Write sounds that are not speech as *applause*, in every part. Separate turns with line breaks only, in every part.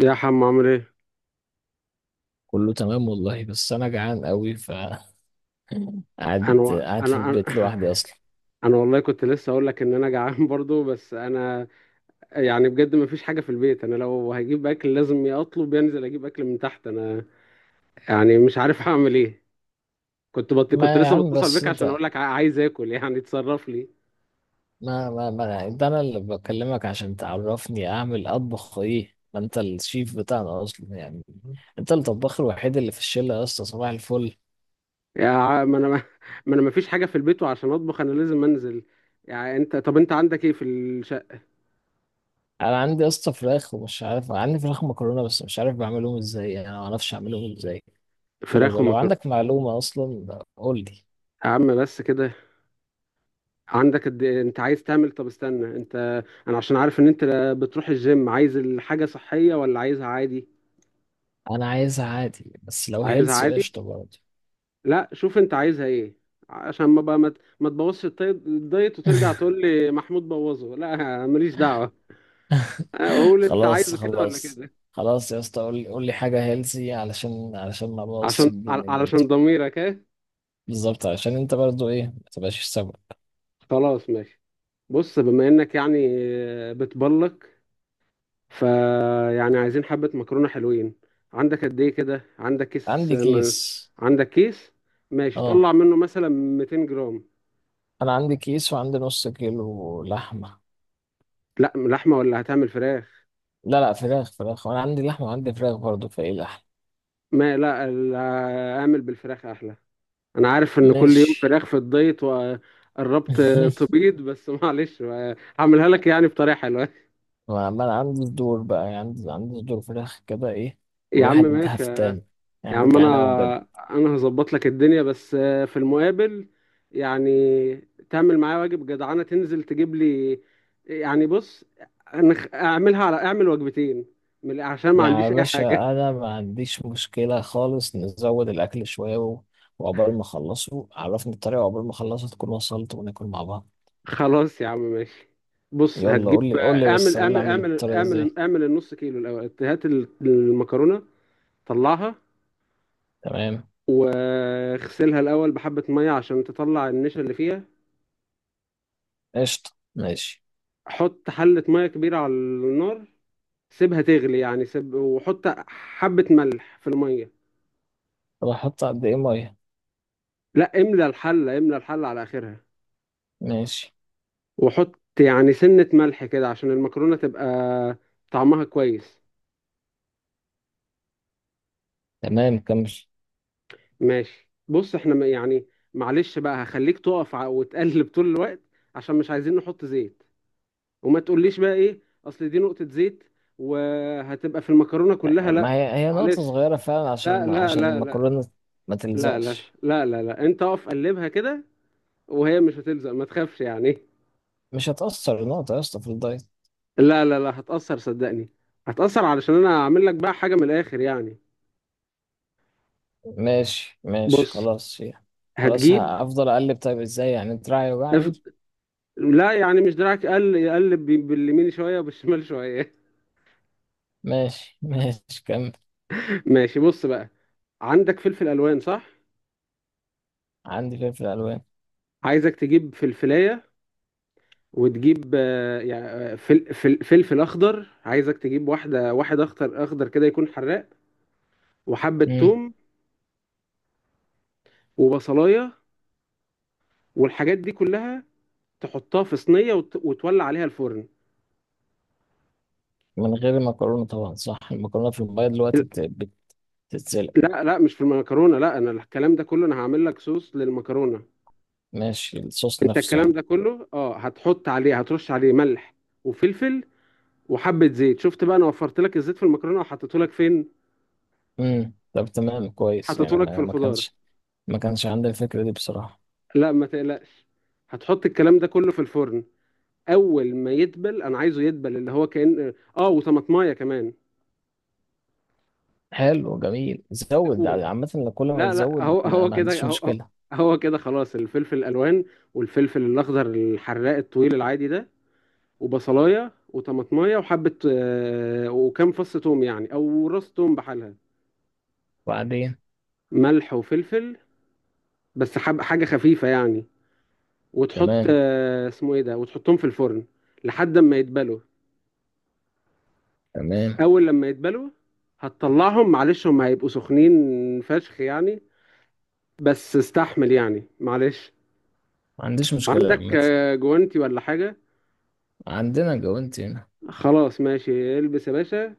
يا حم، عامل ايه؟
كله تمام والله، بس انا جعان قوي ف *laughs* قاعد
انا
قاعد في
انا انا
البيت
*laughs*
لوحدي اصلا.
انا والله كنت لسه اقول لك ان انا جعان *laughs* برضو، بس انا يعني بجد ما فيش حاجه في البيت. انا لو هجيب اكل لازم يا اطلب يا انزل اجيب اكل من تحت. انا يعني مش عارف هعمل ايه. كنت
ما يا
لسه
عم
بتصل
بس
بيك عشان اقول
انت،
لك عايز اكل، يعني تصرف لي.
ما انت انا اللي بكلمك عشان تعرفني اعمل اطبخ ايه. ما انت الشيف بتاعنا اصلا يعني، انت الطباخ الوحيد اللي في الشله يا اسطى. صباح الفل.
ما انا ما. *laughs* انا ما فيش حاجه في البيت، وعشان اطبخ انا لازم انزل. يعني انت، طب انت عندك ايه في الشقه؟
انا عندي يا اسطى فراخ، ومش عارف، عندي فراخ، مكرونه، بس مش عارف بعملهم ازاي يعني، انا ما اعرفش اعملهم ازاي.
فراخ
فلو لو
ومكرونه؟
عندك معلومه اصلا قول لي.
يا عم، بس كده. عندك قد إيه؟ انت عايز تعمل، طب استنى انت. انا عشان عارف ان انت بتروح الجيم، عايز الحاجة صحية ولا عايزها عادي؟
انا عايزها عادي، بس لو
عايزها
هيلسي
عادي؟
قشطه برضه.
لا، شوف انت عايزها ايه، عشان ما بقى ما تبوظش الدايت وترجع
*laughs*
تقول لي محمود بوظه، لا. ماليش دعوة. اقول انت
خلاص
عايزه كده ولا
خلاص.
كده؟
خلاص يا اسطى، قول لي قول لي حاجة هيلسي، علشان علشان ما ابوظش
عشان
الدنيا
علشان
برضه.
ضميرك ايه.
بالظبط، علشان انت برضه ايه ما تبقاش سبب.
خلاص ماشي. بص، بما انك يعني بتبلك، فيعني عايزين حبة مكرونة حلوين. عندك قد ايه كده؟ عندك كيس؟
عندي كيس.
عندك كيس. ماشي،
اه،
طلع منه مثلا 200 جرام.
انا عندي كيس وعندي نص كيلو لحمة.
لا لحمة، ولا هتعمل فراخ؟
لا لا، فراخ فراخ، وانا عندي لحمة وعندي فراخ برضه، فايه لحمة.
ما لا، اعمل بالفراخ احلى. انا عارف ان كل يوم
ماشي.
فراخ في الدايت، وقربت
*laughs*
تبيض، بس *laughs* معلش. هعملها لك يعني بطريقة حلوة.
ما انا عندي صدور بقى، يعني عندي صدور فراخ كده ايه.
يا عم،
والواحد
ماشي.
هفتان،
يا
يعني
عم،
جعان قوي بجد.
انا هظبط لك الدنيا، بس في المقابل، يعني تعمل معايا واجب جدعانه، تنزل تجيب لي. يعني بص، اعمل وجبتين، عشان ما
يعني يا
عنديش اي
باشا،
حاجه. *laughs*
انا ما عنديش مشكله خالص، نزود الاكل شويه و-، وعقبال ما اخلصه عرفني الطريقه، وعقبال ما اخلصها تكون وصلت وناكل مع بعض.
خلاص يا عم، ماشي. بص،
يلا
هتجيب.
قول لي قول لي
اعمل
بس قول لي
اعمل
اعمل
اعمل
الطريقه
اعمل
ازاي.
اعمل النص كيلو الاول، هات المكرونه. طلعها
تمام.
واغسلها الاول بحبه ميه عشان تطلع النشا اللي فيها.
قشطه ماشي.
حط حله ميه كبيره على النار، سيبها تغلي، يعني سيب وحط حبة ملح في المية.
طب احط قد ايه ميه؟
لا، املى الحلة على آخرها.
ماشي.
وحط يعني سنة ملح كده عشان المكرونة تبقى طعمها كويس.
تمام كمل.
ماشي بص، احنا يعني معلش بقى هخليك تقف وتقلب طول الوقت، عشان مش عايزين نحط زيت. وما تقوليش بقى ايه، اصل دي نقطة زيت وهتبقى في المكرونة كلها،
ما
لا.
هي هي نقطه
معلش.
صغيره فعلا،
لا،
عشان
لا، لا، لا،
المكرونه ما
لا، لا،
تلزقش.
لا، لا. لا، انت اقف قلبها كده، وهي مش هتلزق، ما تخافش يعني.
مش هتأثر نقطة يا اسطى في الدايت.
لا، لا، لا، هتأثر صدقني. هتأثر علشان انا هعمل لك بقى حاجة من الاخر يعني.
ماشي ماشي
بص،
خلاص هي. خلاص
هتجيب.
هفضل اقلب؟ طيب ازاي يعني؟ دراعي
اف-
يوجعني.
لا، يعني مش دراعك قل، يقلب باليمين شوية وبالشمال شوية.
ماشي ماشي كمل.
*laughs* ماشي بص بقى. عندك فلفل الوان، صح؟
عندي فلفل الوان.
عايزك تجيب فلفلاية، وتجيب يعني فلفل اخضر، عايزك تجيب واحد اخضر اخضر كده يكون حراق، وحبة
امم.
توم، وبصلاية. والحاجات دي كلها تحطها في صينية وتولع عليها الفرن.
من غير المكرونه طبعا، صح؟ المكرونه في الميه دلوقتي بتتسلق.
لا لا، مش في المكرونه، لا، انا الكلام ده كله انا هعمل لك صوص للمكرونه.
ماشي، الصوص
انت
نفسه
الكلام
يعني.
ده كله، اه، هتحط عليه هترش عليه ملح وفلفل وحبه زيت. شفت بقى، انا وفرت لك الزيت في المكرونه وحطيته لك فين؟
امم، طب تمام كويس
حطيته
يعني،
لك في
ما, ما
الخضار.
كانش ما كانش عندي الفكره دي بصراحه.
لا ما تقلقش، هتحط الكلام ده كله في الفرن. اول ما يدبل، انا عايزه يدبل اللي هو كأن اه، وطماطمايه كمان.
حلو جميل. زود
اول
عامه، كل ما
لا لا،
تزود
هو
ما,
هو
ما
كده،
عنديش
هو هو
مشكله.
هو كده، خلاص. الفلفل الالوان، والفلفل الاخضر الحراق الطويل العادي ده، وبصلايه وطماطمايه وحبه وكام فص توم، يعني او راس توم بحالها.
وبعدين.
ملح وفلفل، بس حب حاجه خفيفه يعني. وتحط
تمام.
اسمه ايه ده، وتحطهم في الفرن لحد ما يتبلوا.
تمام.
اول لما يتبلوا هتطلعهم، معلش هم هيبقوا سخنين فشخ يعني، بس استحمل يعني معلش.
ما عنديش مشكله
عندك
عامه.
جوانتي ولا حاجه؟
عندنا جوانتي هنا.
خلاص ماشي، البس يا باشا.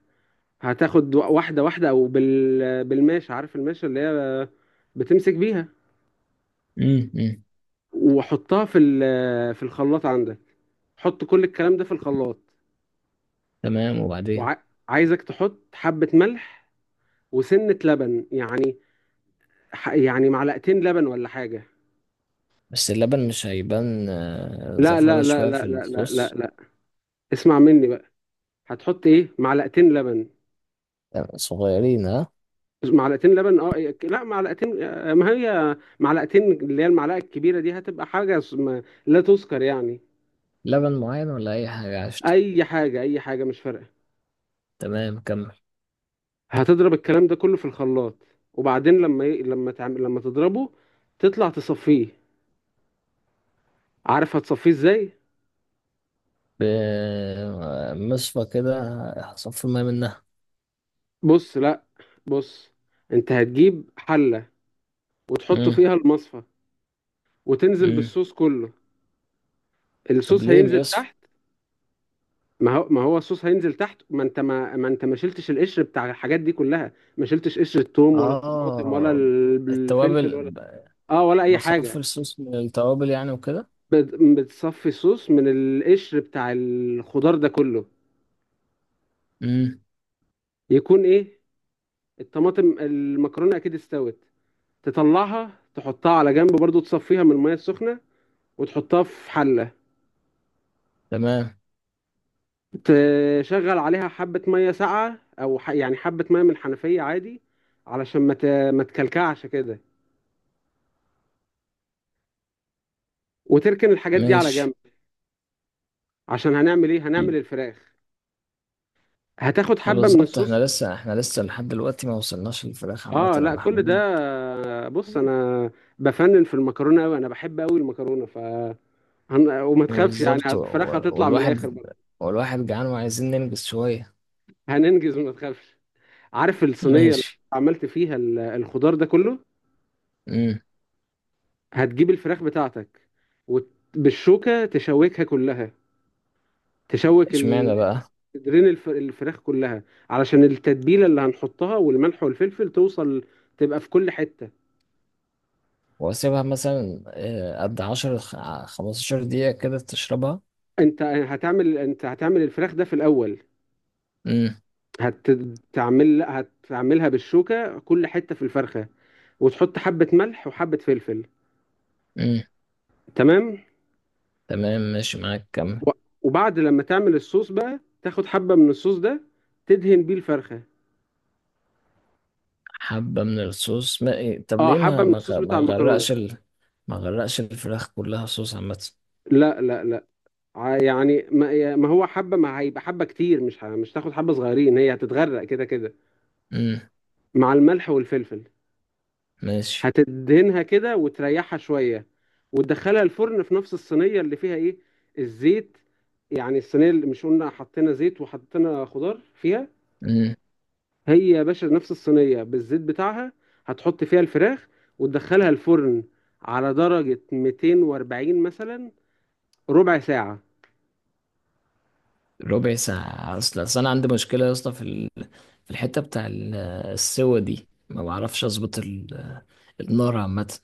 هتاخد واحده واحده، او بالماشه، عارف الماشه اللي هي بتمسك بيها؟
امم. أمم.
وحطها في الخلاط عندك. حط كل الكلام ده في الخلاط،
تمام وبعدين.
وعايزك تحط حبة ملح وسنة لبن يعني، يعني معلقتين لبن ولا حاجة.
بس اللبن مش هيبان
لا،
زفارة
لا، لا،
شوية
لا،
في
لا، لا، لا،
الصوص؟
لا، اسمع مني بقى. هتحط ايه؟ معلقتين لبن.
صغيرين ها.
معلقتين لبن، اه، إيه، لا معلقتين، ما هي معلقتين اللي هي المعلقة الكبيرة دي، هتبقى حاجة لا تذكر يعني.
لبن معين ولا أي حاجة؟ قشطة.
اي حاجة، اي حاجة مش فارقة.
تمام كمل.
هتضرب الكلام ده كله في الخلاط، وبعدين لما ي... لما تعمل لما تضربه، تطلع تصفيه. عارف هتصفيه ازاي؟
بمصفى كده، هصفي المية منها.
بص لا، بص، انت هتجيب حلة وتحط
مم.
فيها المصفى وتنزل
مم.
بالصوص كله.
طب
الصوص
ليه
هينزل
بيصفى؟
تحت. ما هو الصوص هينزل تحت، ما انت، ما شلتش القشر بتاع الحاجات دي كلها، ما شلتش قشر الثوم ولا الطماطم ولا
آه،
الفلفل
التوابل
ولا، اه، ولا اي
بصفي
حاجة.
الصوص من التوابل يعني وكده.
بتصفي الصوص من القشر بتاع الخضار ده كله،
مم.
يكون ايه الطماطم. المكرونه اكيد استوت، تطلعها تحطها على جنب برضو، تصفيها من الميه السخنه وتحطها في حله،
تمام
تشغل عليها حبه ميه ساقعه او يعني حبه ميه من الحنفيه عادي علشان ما تكلكعش كده، وتركن الحاجات دي على
ماشي.
جنب. عشان هنعمل ايه؟ هنعمل الفراخ. هتاخد حبه من
بالظبط، احنا
الصوص.
لسه احنا لسه لحد دلوقتي ما وصلناش للفراخ عامة
اه
يا
لا، كل
محمود.
ده، بص انا بفنن في المكرونه قوي، انا بحب قوي المكرونه. ف وما تخافش يعني،
بالظبط و-
الفراخ
و-
هتطلع من الاخر
والواحد
برضه.
والواحد جعان وعايزين ننجز شوية.
هننجز وما تخافش. عارف
*laughs*
الصينية اللي
ماشي.
عملت فيها الخضار ده كله؟
امم.
هتجيب الفراخ بتاعتك، وبالشوكة تشوكها كلها، تشوك
اشمعنى بقى؟
صدرين الفراخ كلها، علشان التتبيلة اللي هنحطها والملح والفلفل توصل، تبقى في كل حتة.
واسيبها مثلا قد 15 دقيقة كده تشربها؟
انت هتعمل الفراخ ده في الأول.
امم.
هتعمل هتعملها بالشوكة كل حتة في الفرخة، وتحط حبة ملح وحبة فلفل.
امم.
تمام.
تمام ماشي معاك كمل.
و- وبعد لما تعمل الصوص بقى، تاخد حبة من الصوص ده، تدهن بيه الفرخة.
حبة من الصوص ما... إيه، طب
اه،
ليه
حبة
ما
من
ما
الصوص
غ- ما
بتاع المكرونة.
غرقش ما غرقش الفراخ كلها صوص عامة؟
لا، لا، لا، يعني، ما هو حبة، ما هيبقى حبة كتير، مش تاخد حبة صغيرين، هي هتتغرق كده كده
امم.
مع الملح والفلفل.
ماشي.
هتدهنها كده وتريحها شوية، وتدخلها الفرن في نفس الصينية اللي فيها ايه، الزيت. يعني الصينية اللي مش قلنا حطينا زيت وحطينا خضار فيها،
امم.
هي يا باشا نفس الصينية بالزيت بتاعها. هتحط فيها الفراخ وتدخلها الفرن على درجة 240 مثلا، ربع ساعة.
ربع ساعة؟ أصل أنا عندي مشكلة يا اسطى في في الحتة بتاع السوا دي، ما بعرفش أظبط النار عامة.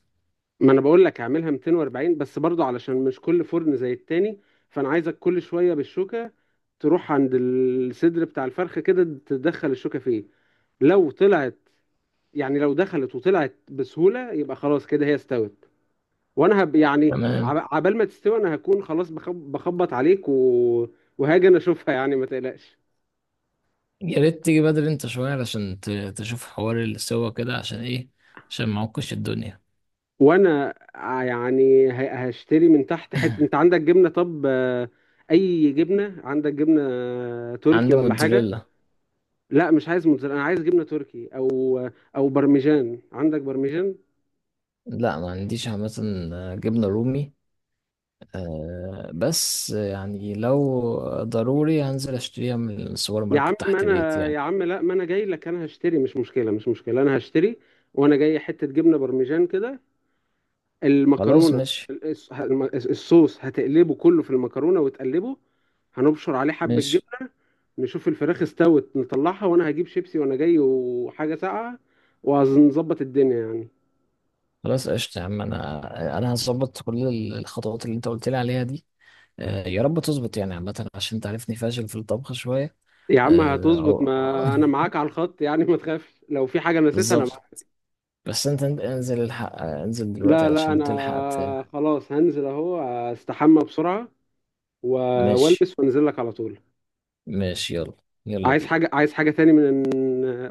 ما انا بقول لك اعملها 240 بس، برضو علشان مش كل فرن زي التاني. فانا عايزك كل شوية بالشوكة، تروح عند الصدر بتاع الفرخة كده، تدخل الشوكة فيه. لو طلعت يعني، لو دخلت وطلعت بسهولة، يبقى خلاص كده هي استوت. وانا يعني
تمام.
عبال ما تستوي انا هكون خلاص، بخبط عليك وهاجي انا اشوفها. *laughs* يعني ما تقلقش.
يا ريت تيجي بدري انت شوية، علشان تشوف حوار السوا كده عشان ايه، عشان معكش الدنيا.
وانا يعني هشتري من تحت حته. انت عندك جبنه؟ طب اي جبنه، عندك جبنه تركي
عندي
ولا حاجه؟
موتزاريلا.
لا، مش عايز موتزاريلا، انا عايز جبنه تركي، او برمجان. عندك برمجان؟
لا، ما عنديش عامة، جبنة رومي. آه، بس يعني لو ضروري هنزل اشتريها من السوبر
يا عم،
ماركت
ما
تحت بيتي
انا
يعني.
يا عم، لا، ما انا جاي لك، انا هشتري، مش مشكله مش مشكله، انا هشتري، وانا جاي حته جبنه برمجان كده.
خلاص
المكرونه،
ماشي.
الص- الصوص هتقلبه كله في المكرونه وتقلبه، هنبشر عليه حبه
ماشي.
جبنه. نشوف الفراخ استوت نطلعها، وانا هجيب شيبسي وانا جاي وحاجه ساقعه، وهنظبط الدنيا يعني.
خلاص قشطة يا عم، انا هظبط كل الخطوات اللي انت قلت لي عليها دي. آه، يا رب تظبط يعني عامة، عشان تعرفني فاشل في الطبخ شوية.
يا عم،
آه،
هتظبط،
أو
ما انا معاك على الخط يعني، ما تخافش، لو في حاجه
*laughs*
نسيتها انا
بالظبط.
معاك.
بس انت انزل الحق انزل دلوقتي
لا لا،
علشان تلحق.
انا خلاص هنزل اهو، استحمى بسرعه
ماشي.
والبس وانزل لك على طول.
ماشي يلا. يلا
عايز
بينا.
حاجه، تاني من،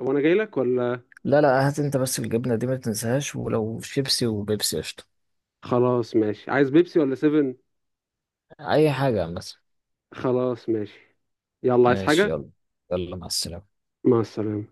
وانا جاي لك، ولا؟
لا لا، هات انت بس الجبنة دي ما تنساهاش، ولو شيبسي وبيبسي قشطة.
خلاص ماشي، عايز بيبسي ولا سيفن؟
اي حاجة مثلا.
خلاص ماشي، يلا، عايز
ماشي
حاجة؟
يلا. يلا مع السلامة.
مع السلامة.